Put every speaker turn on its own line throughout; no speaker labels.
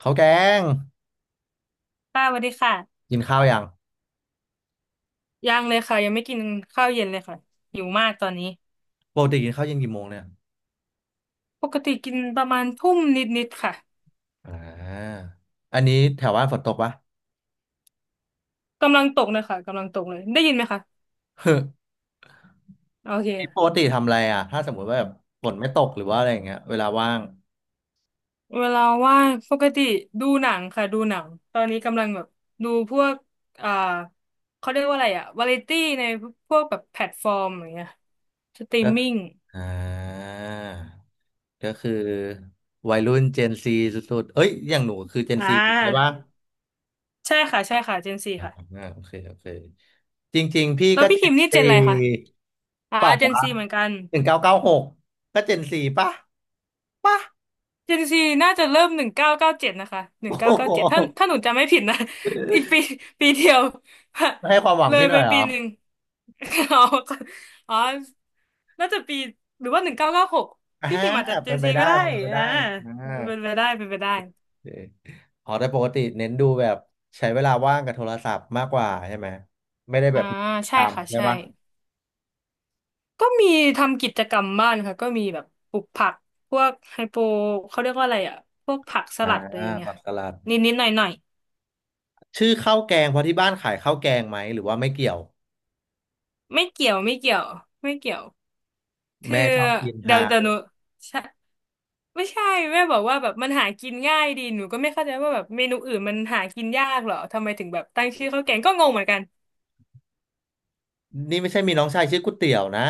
ข้าวแกง
ค่ะสวัสดีค่ะ
กินข้าวยัง
ยังเลยค่ะ ยังไม่กินข้าวเย็นเลยค่ะหิวมากตอนนี้
ปกติกินข้าวเย็นกี่โมงเนี่ย
ปกติกินประมาณทุ่มนิดๆค่ะ
อ่าอันนี้แถวบ้านฝนตกปะ
กำลังตกเลยค่ะกำลังตกเลย ได้ยินไหมคะ โอเค
นี่ปกติทำอะไรอ่ะถ้าสมมติว่าแบบฝนไม่ตกหรือว่าอะไรอย่างเงี้ยเวลาว่าง
เวลาว่างปกติดูหนังค่ะ ดูหนัง ตอนนี้กำลังแบบดูพวกอ่าเขาเรียกว่าอะไรอะวาไรตี้ในพวกแบบแพลตฟอร์มอย่างเงี้ยสตรี
ก็
มมิ่ง
อ่าก็คือวัยรุ่นเจนซีสุดๆเอ้ยอย่างหนูคือเจน
อ่
ซีใช่ปะ
าใช่ค่ะ ใช่ค่ะเจนซี
อ่า
ค่ะ
โอเคโอเคจริงๆพี่
แล้ว
ก็
พี่
เจ
คิ
น
มนี่เจ
ซี
นอะไรคะอ่า
เปล่า
เจน
วะ
ซีเหมือนกัน
1996ก็เจนซีปะปะ
เจนซีน่าจะเริ่มหนึ่งเก้าเก้าเจ็ดนะคะหนึ่
โอ้
ง
โ
เก้าเก้าเจ็ดถ้า
ห
ถ้าหนูจำไม่ผิดนะ อีกปี ปีเดียว
ไม่ให้ความห วัง
เลย
พี่ห
ไป
น่อยเหร
ปี
อ
หนึ่ง อ๋ออ๋ อน่าจะปีหรือว่า1996
อ่า
พี่คิมอาจจะเจ
เป็
น
นไป
ซี
ได้
ก็ได้
พอเป็นไป
อ่า
ได้อ่า
เป็นไปได้เป็นไปได้
โอเคอ๋อแต่ปกติเน้นดูแบบใช้เวลาว่างกับโทรศัพท์มากกว่าใช่ไหมไม่ได้แบ
อ่า
บกิจก
ใช่
รรม
ค่ะ
ใช่
ใช่
ปะ
ก็มีทำกิจกรรมบ้านค่ะก็มีแบบปลูกผักพวกไฮโปเขาเรียกว่าอะไรอ่ะพวกผักส
อ่า
ลัดอะไรอย่างเงี้ย
ผักสลัด
นิดนิดหน่อยหน่อย
ชื่อข้าวแกงเพราะที่บ้านขายข้าวแกงไหมหรือว่าไม่เกี่ยว
ๆไม่เกี่ยวไม่เกี่ยวไม่เกี่ยว คือ
แม่ชอบกิน
เดาว
ฮา
เดีวหนูใช่ไม่ใช่แม่บอกว่าแบบมันหากินง่ายดีหนูก็ไม่เข้าใจว่าแบบเมนูอื่นมันหากินยากเหรอทำไมถึงแบบตั้งชื่อข้าวแกงก็งงเหมือนกัน
นี่ไม่ใช่มีน้องชายชื่อก๋วยเตี๋ยวนะ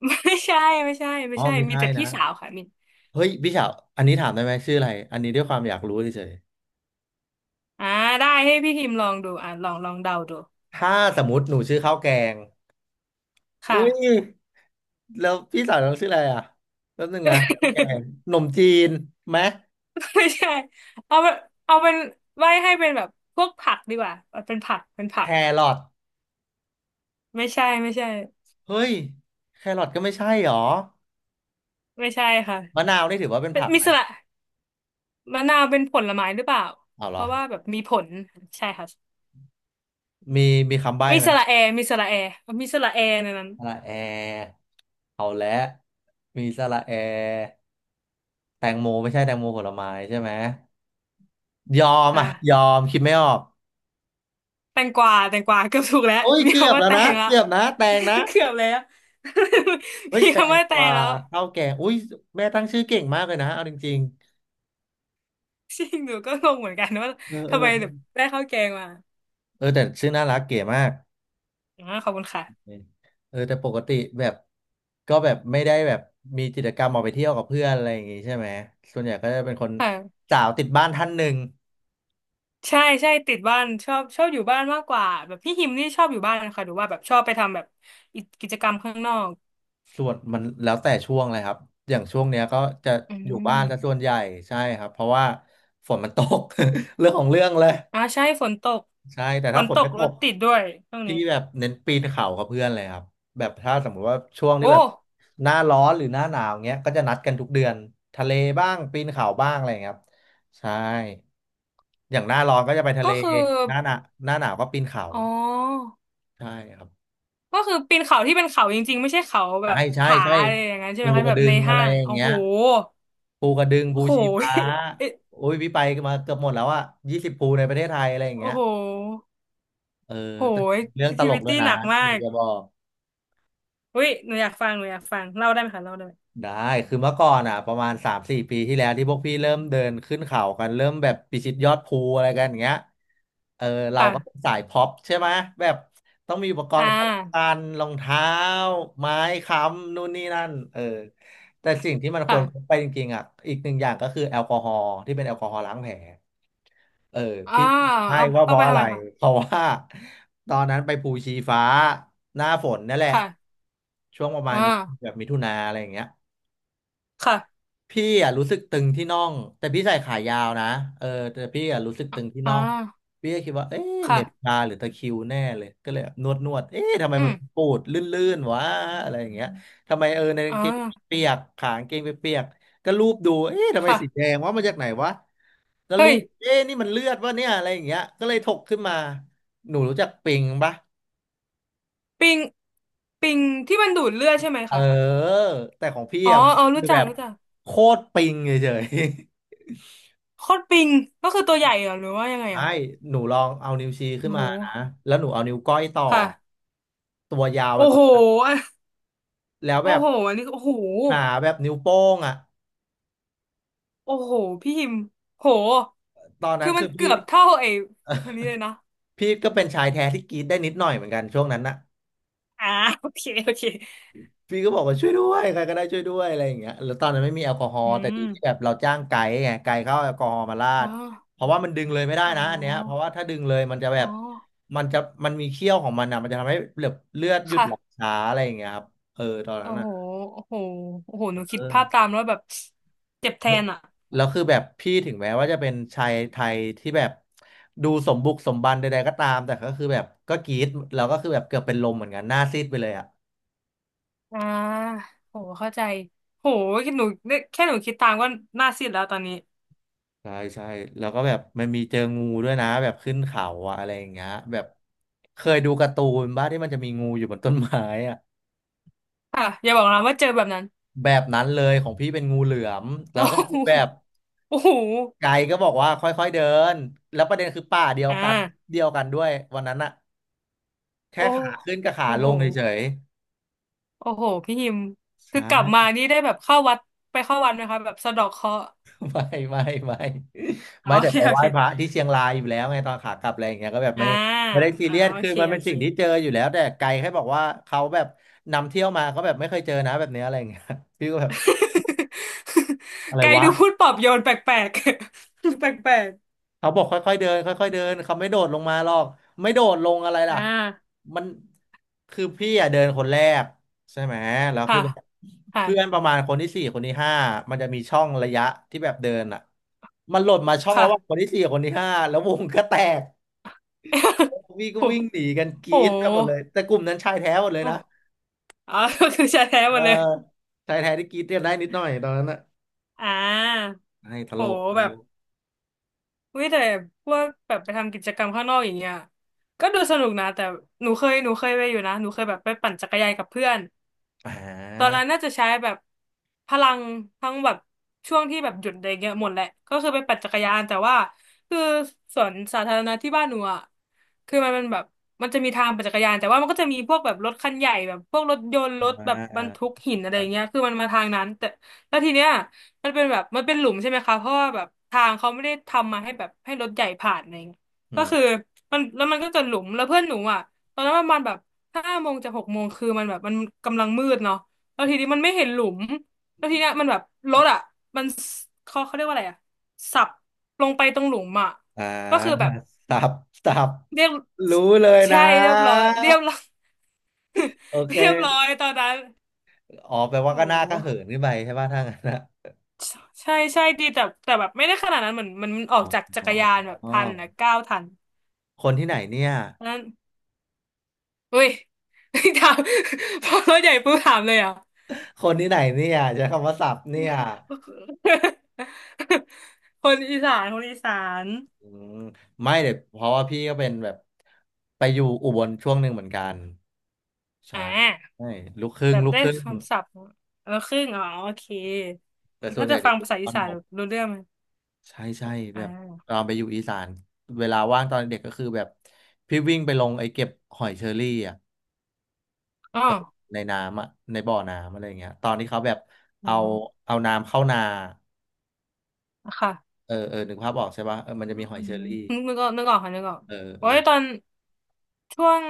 ไม่ใช่ไม่ใช่ไม่
อ๋อ
ใช่
ไม่
มี
ใช่
แต่
นะ
พี่สาวค่ะมิน
เฮ้ยพี่เฉาอันนี้ถามได้ไหมชื่ออะไรอันนี้ด้วยความอยากรู้เฉย
อ่าได้ให้พี่พิมพ์ลองดูอ่าลองลองเดาดู
ๆถ้าสมมติหนูชื่อข้าวแกง อุ้
ค่ะ
ยแล้วพี่สาวน้องชื่ออะไรอ่ะแป๊บนึงนะแกงข นมจีนไหม
ไม่ใช่เอาเป็นเอาเป็นไว้ให้เป็นแบบพวกผักดีกว่าเอาเป็นผักเป็นผั
แค
ก
รอท
ไม่ใช่ไม่ใช่
เฮ้ยแครอทก็ไม่ใช่หรอ
ไม่ใช่ค่ะ
มะนาวนี่ถือว่าเป็น
เป็น
ผัก
มี
ไหม
สละมะนาวเป็นผลไม้หรือเปล่า
เอาเห
เพ
รอ
ราะว่าแบบมีผลใช่ค่ะ
มีมีคำใบ้
มี
ไหม
สระแอมีสระแอมีสระแอในนั้น
สระแอเอาและมีสระแอแตงโมไม่ใช่แตงโมผลไม้ใช่ไหมยอม
อ่า
อ่ะยอมคิดไม่ออก
แตงกวาแตงกวาเกือบถูกแล้ว
โอ้ย
มี
เกือบ
คำว่า
แล้ว
แต
นะ
งละ
เกือบนะแตงนะ
เกือบแล้ว
เฮ้ย
มี
แต
คำ
ง
ว่า
ก
แตง
วา
แล้ว
ข้าวแกงอุ้ยแม่ตั้งชื่อเก่งมากเลยนะเอาจริง
จริงหนูก็งงเหมือนกันว่า
ๆเออเอ
ทำไมแบบ
อ
ได้ข้าวแกงมา
เออแต่ชื่อน่ารักเก๋มาก
อ่าขอบคุณค่ะ
เออแต่ปกติแบบก็แบบไม่ได้แบบมีกิจกรรมออกไปเที่ยวกับเพื่อนอะไรอย่างงี้ใช่ไหมส่วนใหญ่ก็จะเป็นคน
ค่ะ
สาวติดบ้านท่านหนึ่ง
ใช่ใช่ติดบ้านชอบชอบอยู่บ้านมากกว่าแบบพี่ฮิมนี่ชอบอยู่บ้านนะคะหรือว่าแบบชอบไปทำแบบอิกิจกรรมข้างนอก
ส่วนมันแล้วแต่ช่วงเลยครับ อย่างช่วงเนี้ยก็จะ
อื
อยู่บ้านซะส่
ม
วนใหญ่ใช่ครับเพราะว่าฝนมันตก เรื่องของเรื่องเลย
อ่าใช่ฝนตก
ใช่แต่
ฝ
ถ้า
น
ฝ
ต
น
ก
ไม่ต
รถ
ก
ติดด้วยช่วง
พี่
นี้
แบบเน้นปีนเขากับเพื่อนเลยครับแบบถ้าสมมุติว่าช่วงที่
โอ้
แบบหน้าร้อนหรือหน้าหนาวเงี้ยก็จะนัดกันทุกเดือนทะเลบ้างปีนเขาบ้างอะไร่าเงี้ยครับใช่อย่างหน้าร้อนก็จะไปทะ
ก็
เล
คือ
หน้าหนาหน้าหนาวก็ปีนเขา
อ๋อ
ใช่ครับ
ก็คือปีนเขาที่เป็นเขาจริงๆไม่ใช่เขาแบ
ใช่
บ
ใช่
ผา
ใช่
อะไรอย่างนั้นใช่ไห
ภู
มคะ
กระ
แบบ
ดึ
ใน
งอะไร
ห้าง
อย่าง
โอ้
เงี้
โห
ยภูกระดึง
โอ้
ภู
โห
ชีฟ้า
เอ๊ะ
โอ้ยพี่ไปมาเกือบหมดแล้วอะ20ภูในประเทศไทยอะไรอย่าง
โอ้
เงี้ย
โห
เออ
โห
แต่
ย
เรื่อ
แอ
ง
ค
ต
ทิ
ลก
วิ
ด้ว
ตี้
ยนะ
หนักมา
อยาก
ก
จะบอก
อุ้ยหนูอยากฟังหนูอยากฟังเล่าได้ไหมคะเล่าได้ไหม
ได้คือเมื่อก่อนอ่ะประมาณ3-4ปีที่แล้วที่พวกพี่เริ่มเดินขึ้นเขากันเริ่มแบบพิชิตยอดภูอะไรกันอย่างเงี้ยเออเราก็เป็น
ค่ะ
สายพ็อปใช่ไหมแบบต้องมีอุปกร
อ่า
ณ์ครบครันรองเท้าไม้ค้ำนู่นนี่นั่นเออแต่สิ่งที่มันควรพก
ค่ะ
ไปจริงๆอ่ะอีกหนึ่งอย่างก็คือแอลกอฮอล์ที่เป็นแอลกอฮอล์ล้างแผลเออ
อ่า
พี่ให้
เอา
ว่าเพ
เอาไป
ราะอะ
ทำ
ไร
ไมคะ
เพราะว่าตอนนั้นไปภูชีฟ้าหน้าฝนนั่นแหละ
ค่ะ
ช่วงประ
อ
มาณนี้
่า
แบบมิถุนาอะไรอย่างเงี้ย
ค่ะ
พี่อ่ะรู้สึกตึงที่น่องแต่พี่ใส่ขายาวนะเออแต่พี่อ่ะรู้สึกตึงที่
อ่า
น่องพี่ก็คิดว่าเอ๊ะเห
ค่ะ
น็บชาหรือตะคริวแน่เลยก็เลยนวดนวดเอ๊ะทำไม
อื
มัน
ม
ปูดลื่นๆวะอะไรอย่างเงี้ยทำไมเออในกา
อ่
งเกง
า
เปียกขากางเกงเปียกก็ลูบดูเอ๊ะทำไมสีแด
ค่ะ
งวะมาจากไหนวะก็
เฮ้
ลู
ย
บเอ๊ะนี่มันเลือดวะเนี่ยอะไรอย่างเงี้ยก็เลยถกขึ้นมาหนูรู้จักปิงปะ
ปิงปิงที่มันดูดเลือดใช่ไหม
เอ
คะ
อแต่ของพี่
อ๋อ
อ่ะ
เออรู้
คือ
จั
แบ
ก
บ
รู้จัก
โคตรปิงเฉย
โคตรปิงก็คือตัวใหญ่เหรอหรือว่ายังไง
ใช่
อ่ะ
หนูลองเอานิ้วชี้
โอ้
ขึ้นมา
โห
นะแล้วหนูเอานิ้วก้อยต่อ
ค่ะ
ตัวยาว
โอ้
แบบ
โห
นั้น
อ่ะ
แล้ว
โอ้
แบบ
โห อันนี้โอ้โห
หนาแบบนิ้วโป้งอ่ะ
โอ้โหพี่หิมโห
ตอนนั้
คื
น
อมั
คื
น
อพี่
เกือบเท่าไอ้อันนี้เลยนะ
พี่ก็เป็นชายแท้ที่กรีดได้นิดหน่อยเหมือนกันช่วงนั้นนะ
อ่า โอเคโอเค
พี่ก็บอกว่าช่วยด้วยใครก็ได้ช่วยด้วยอะไรอย่างเงี้ยแล้วตอนนั้นไม่มีแอลกอฮอ
อื
ล์แต่ดีที่แบ
ม
บเราจ้างไกด์ไงไกด์เขาเอาแอลกอฮอล์มารา
อ๋อ
ดเพราะว่ามันดึงเลยไม่ได้
อ๋อ
นะอันเนี้ยเพราะว่าถ้าดึงเลยมันจะแบ
อ๋อ
บมันจะมันมีเขี้ยวของมันอ่ะมันจะทำให้เลือดหยุดไหล
ค่ะ
ช้าอะไรอย่างเงี้ยครับเออตอน
โอ้
นั้นอ่ะ
โหโอ้โหโอ้โหหนูคิ
เอ
ด
อ
ภาพตามแล้วแบบเจ็บแทนอ่ะ
แล้วคือแบบพี่ถึงแม้ว่าจะเป็นชายไทยที่แบบดูสมบุกสมบันใดๆก็ตามแต่ก็คือแบบก็กรี๊ดแล้วก็คือแบบเกือบเป็นลมเหมือนกันหน้าซีดไปเลยอ่ะ
อ่าโหเข้าใจโหแค่หนูเนี่ยแค่หนูคิดตามก็หน้าซีดแล้วตอนนี้
ใช่ใช่แล้วก็แบบมันมีเจองูด้วยนะแบบขึ้นเขาอะอะไรอย่างเงี้ยแบบเคยดูการ์ตูนบ้าที่มันจะมีงูอยู่บนต้นไม้อ่ะ
ค่ะอย่าบอกนะว่าเจอแบบนั้น
แบบนั้นเลยของพี่เป็นงูเหลือมแล้วก็คือแบ บ
โอ้โหโอ้โห
ไกด์ก็บอกว่าค่อยๆเดินแล้วประเด็นคือป่าเดียว
อ่า
กันเดียวกันด้วยวันนั้นอะแค่
โอ้
ขาขึ้นกับขา
โอ้
ล
โห
งเฉย
โอ้โห พี่ฮิม
ๆ
คือกลับ
ใช่
มานี่ได้แบบเข้าวัดไปเข้าวัดไหมคะแบบสะเดาะเคราะห์
ไม่ไม่ไม่
อ๋อ
ไม่
โอ
แต่
เค
ไป
โอ
ไหว้
เค
พระที่เชียงรายอยู่แล้วไงตอนขากลับอะไรอย่างเงี้ยก็แบบ
อ่า
ไม่ไม่ได้ซี
อ่า
เรียส
โอ
คือ
เค
มัน
โอ
เป็น
เค
สิ่งที่เจออยู่แล้วแต่ไกลแค่บอกว่าเขาแบบนำเที่ยวมาเขาแบบไม่เคยเจอนะแบบเนี้ยอะไรอย่างเงี้ย พี่ก็แบบอะ ไร
ไกล
วะ
ดูพูดปลอบโยนแปลกๆ แปลก
เขาบอกค่อยๆเดินค่อยๆเดินเขาไม่โดดลงมาหรอกไม่โดดลงอะไร
ๆ
ล่ะ
อ่า
มันคือพี่อ่ะเดินคนแรกใช่ไหมแล้วคือ
ค่ะ
แบบเพื่อน
ค่ะ
ประมาณคนที่สี่คนที่ห้ามันจะมีช่องระยะที่แบบเดินอ่ะมันหล่นมาช่อง
ค่ะ
ระหว่างคนที่สี่กับคนที่ห้าแล้ววงก็แตก พี่ก็
โอ้
วิ่งหนีกันก
โ
รี๊ดกันหมดเลย
ห
แต่กลุ่มนั้นชายแท้หมดเลย
โอ้
นะ
โหอ๋อ ก็คือแชร์แท้
เอ
หม
อ
ดเลย
ชายแท้ที่กรี๊ดกันได้นิดหน่อยตอนนั้นอะ
อ่า
ให้ต
โห
ลกต
แบ
ล
บ
ก
เว้ยแต่พวกแบบไปทำกิจกรรมข้างนอกอย่างเงี้ยก็ดูสนุกนะแต่หนูเคยหนูเคยไปอยู่นะหนูเคยแบบไปปั่นจักรยานกับเพื่อน
อ่
ตอน
า
นั้นน่าจะใช้แบบพลังทั้งแบบช่วงที่แบบหยุดอะไรเงี้ยหมดแหละก็คือไปปั่นจักรยานแต่ว่าคือสวนสาธารณะที่บ้านหนูอ่ะคือมันเป็นแบบมันจะมีทางปั่นจักรยานแต่ว่ามันก็จะมีพวกแบบรถคันใหญ่แบบพวกรถยนต์รถ
อ่า
แบบบร
อ่า
รทุกหินอะไร
อ่า
เงี้ยคือมันมาทางนั้นแต่แล้วทีเนี้ยมันเป็นแบบมันเป็นหลุมใช่ไหมคะเพราะว่าแบบทางเขาไม่ได้ทำมาให้แบบให้รถใหญ่ผ่านอะไรเงี้ยก็
อืม
คือมันแล้วมันก็จะหลุมแล้วเพื่อนหนูอ่ะตอนนั้นประมาณแบบ5 โมงจะ6 โมงคือมันแบบมันกำลังมืดเนาะ แล้วทีนี้มันไม่เห็นหลุมแล้วทีเนี้ยมันแบบรถอ่ะมันคเขาเขาเรียกว่าอะไรอ่ะสับลงไปตรงหลุมอ่ะ
อ่
ก็คือแบ
า
บ
สับสับ
เรียบ
รู้เลยนะ
ใช่เรียบร้อยเรียบร้อย
โอ เ
เรียบร้อ
ค
ยตอนนั้น
อ๋อแปลว่า
โอ้
ก็หน้า
โห
ก็เหินขึ้นไปใช่ป่ะถ้างั้นนะ
ใช่ใช่ดีแต่แบบไม่ได้ขนาดนั้นเหมือนมันมันอ
อ๋
อ
อ
กจากจักรยานแบบ
อ๋อ
ทันนะก้าวทัน
คนที่ไหนเนี่ย
อันนั้นอุ้ย ถาม พอรถใหญ่ปุ๊บถามเลยเหรอ่ะ
คนที่ไหนเนี่ยใช้คำว่าสับเนี่ย
คนอีสานคนอีสาน
อืมไม่เดี๋ยวเพราะว่าพี่ก็เป็นแบบไปอยู่อุบลช่วงหนึ่งเหมือนกัน ใช่
อ่า
ใช่ลูกครึ่
แบ
ง
บ
ลูก
ได้
ครึ่ง
คำศัพท์แล้วครึ่งอ๋อโอเค
แต่ส่ว
ถ้า
นให
จะ
ญ่จะ
ฟัง
ติด
ภาษา
ต
อี
อน
สาน
หก
รู้เรื่องไหม
ใช่ใช่แบบ
อ่า
ตอนไปอยู่อีสานเวลาว่างตอนเด็กก็คือแบบพี่วิ่งไปลงไอ้เก็บหอยเชอรี่อ่ะ
อ๋อ
ในน้ำอ่ะในบ่อน้ำอะไรอย่างเงี้ยตอนที่เขาแบบ
อ๋
เอา
อ
เอาน้ำเข้านา
ค่ะ
เออเออนึกภาพออกใช่ป่ะเออมันจะมีหอ
อื
ยเชอรี่
มนึกออกนึกออกค่ะนึกออก
เออเอ
โอ้ย
อ
ตอนช่วง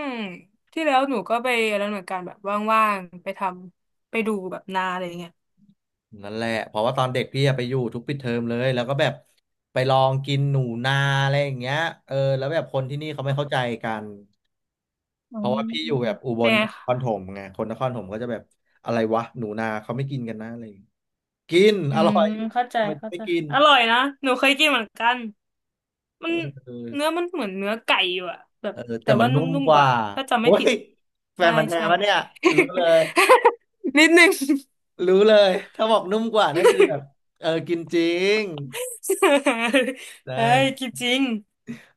ที่แล้วหนูก็ไปอะไรเหมือนกันแบบว่างๆไปทำไปดูแบบนาอะไรอย่างเงี้ย
นั่นแหละเพราะว่าตอนเด็กพี่อะไปอยู่ทุกปิดเทอมเลยแล้วก็แบบไปลองกินหนูนาอะไรอย่างเงี้ยเออแล้วแบบคนที่นี่เขาไม่เข้าใจกัน
อ๋
เพ
อ
ราะว่าพี่อยู่แบบอุบ
เป็น
ล
ไง
กับนครปฐ
คะ
มไงคนนครปฐมก็จะแบบอะไรวะหนูนาเขาไม่กินกันนะอะไรอย่างงี้กิน
อื
อร่อ
ม
ย
เข้าใจ
ทำไม
เข้า
ไม่
ใจ
กิน
อร่อยนะหนูเคยกินเหมือนกันมันเนื้อ
เออ
มันเหมือนเนื้อไก่อยู่อะแบบ
เออแต่
แต่
มั
ว่า
น
น
นุ่ม
ุ่ม
ก
ๆก
ว่า
ว่าถ้าจำไม่
โอ้
ผิ
ย
ด
แฟ
ใช่
นมันธุ์แท้
ใช่
ปะเนี่ยรู้เลย
นิดนึง
รู้เลยถ้าบอกนุ่มกว่านี่คือแบบเออกินจริง ได
เฮ้ย
้
คิดจริง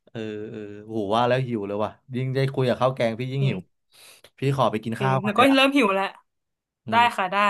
เออเออโหว่าแล้วหิวเลยว่ะยิ่งได้คุยกับข้าวแกงพี่ยิ่ง
จริ
หิ
ง
วพี่ขอไปกิน
จริ
ข้า
ง
ว
ห
ก่อ
นู
น
ก็
เดี๋ยวอ่ะ
เริ่มหิวแล้ว
เอ
ได้
อ
ค่ะได้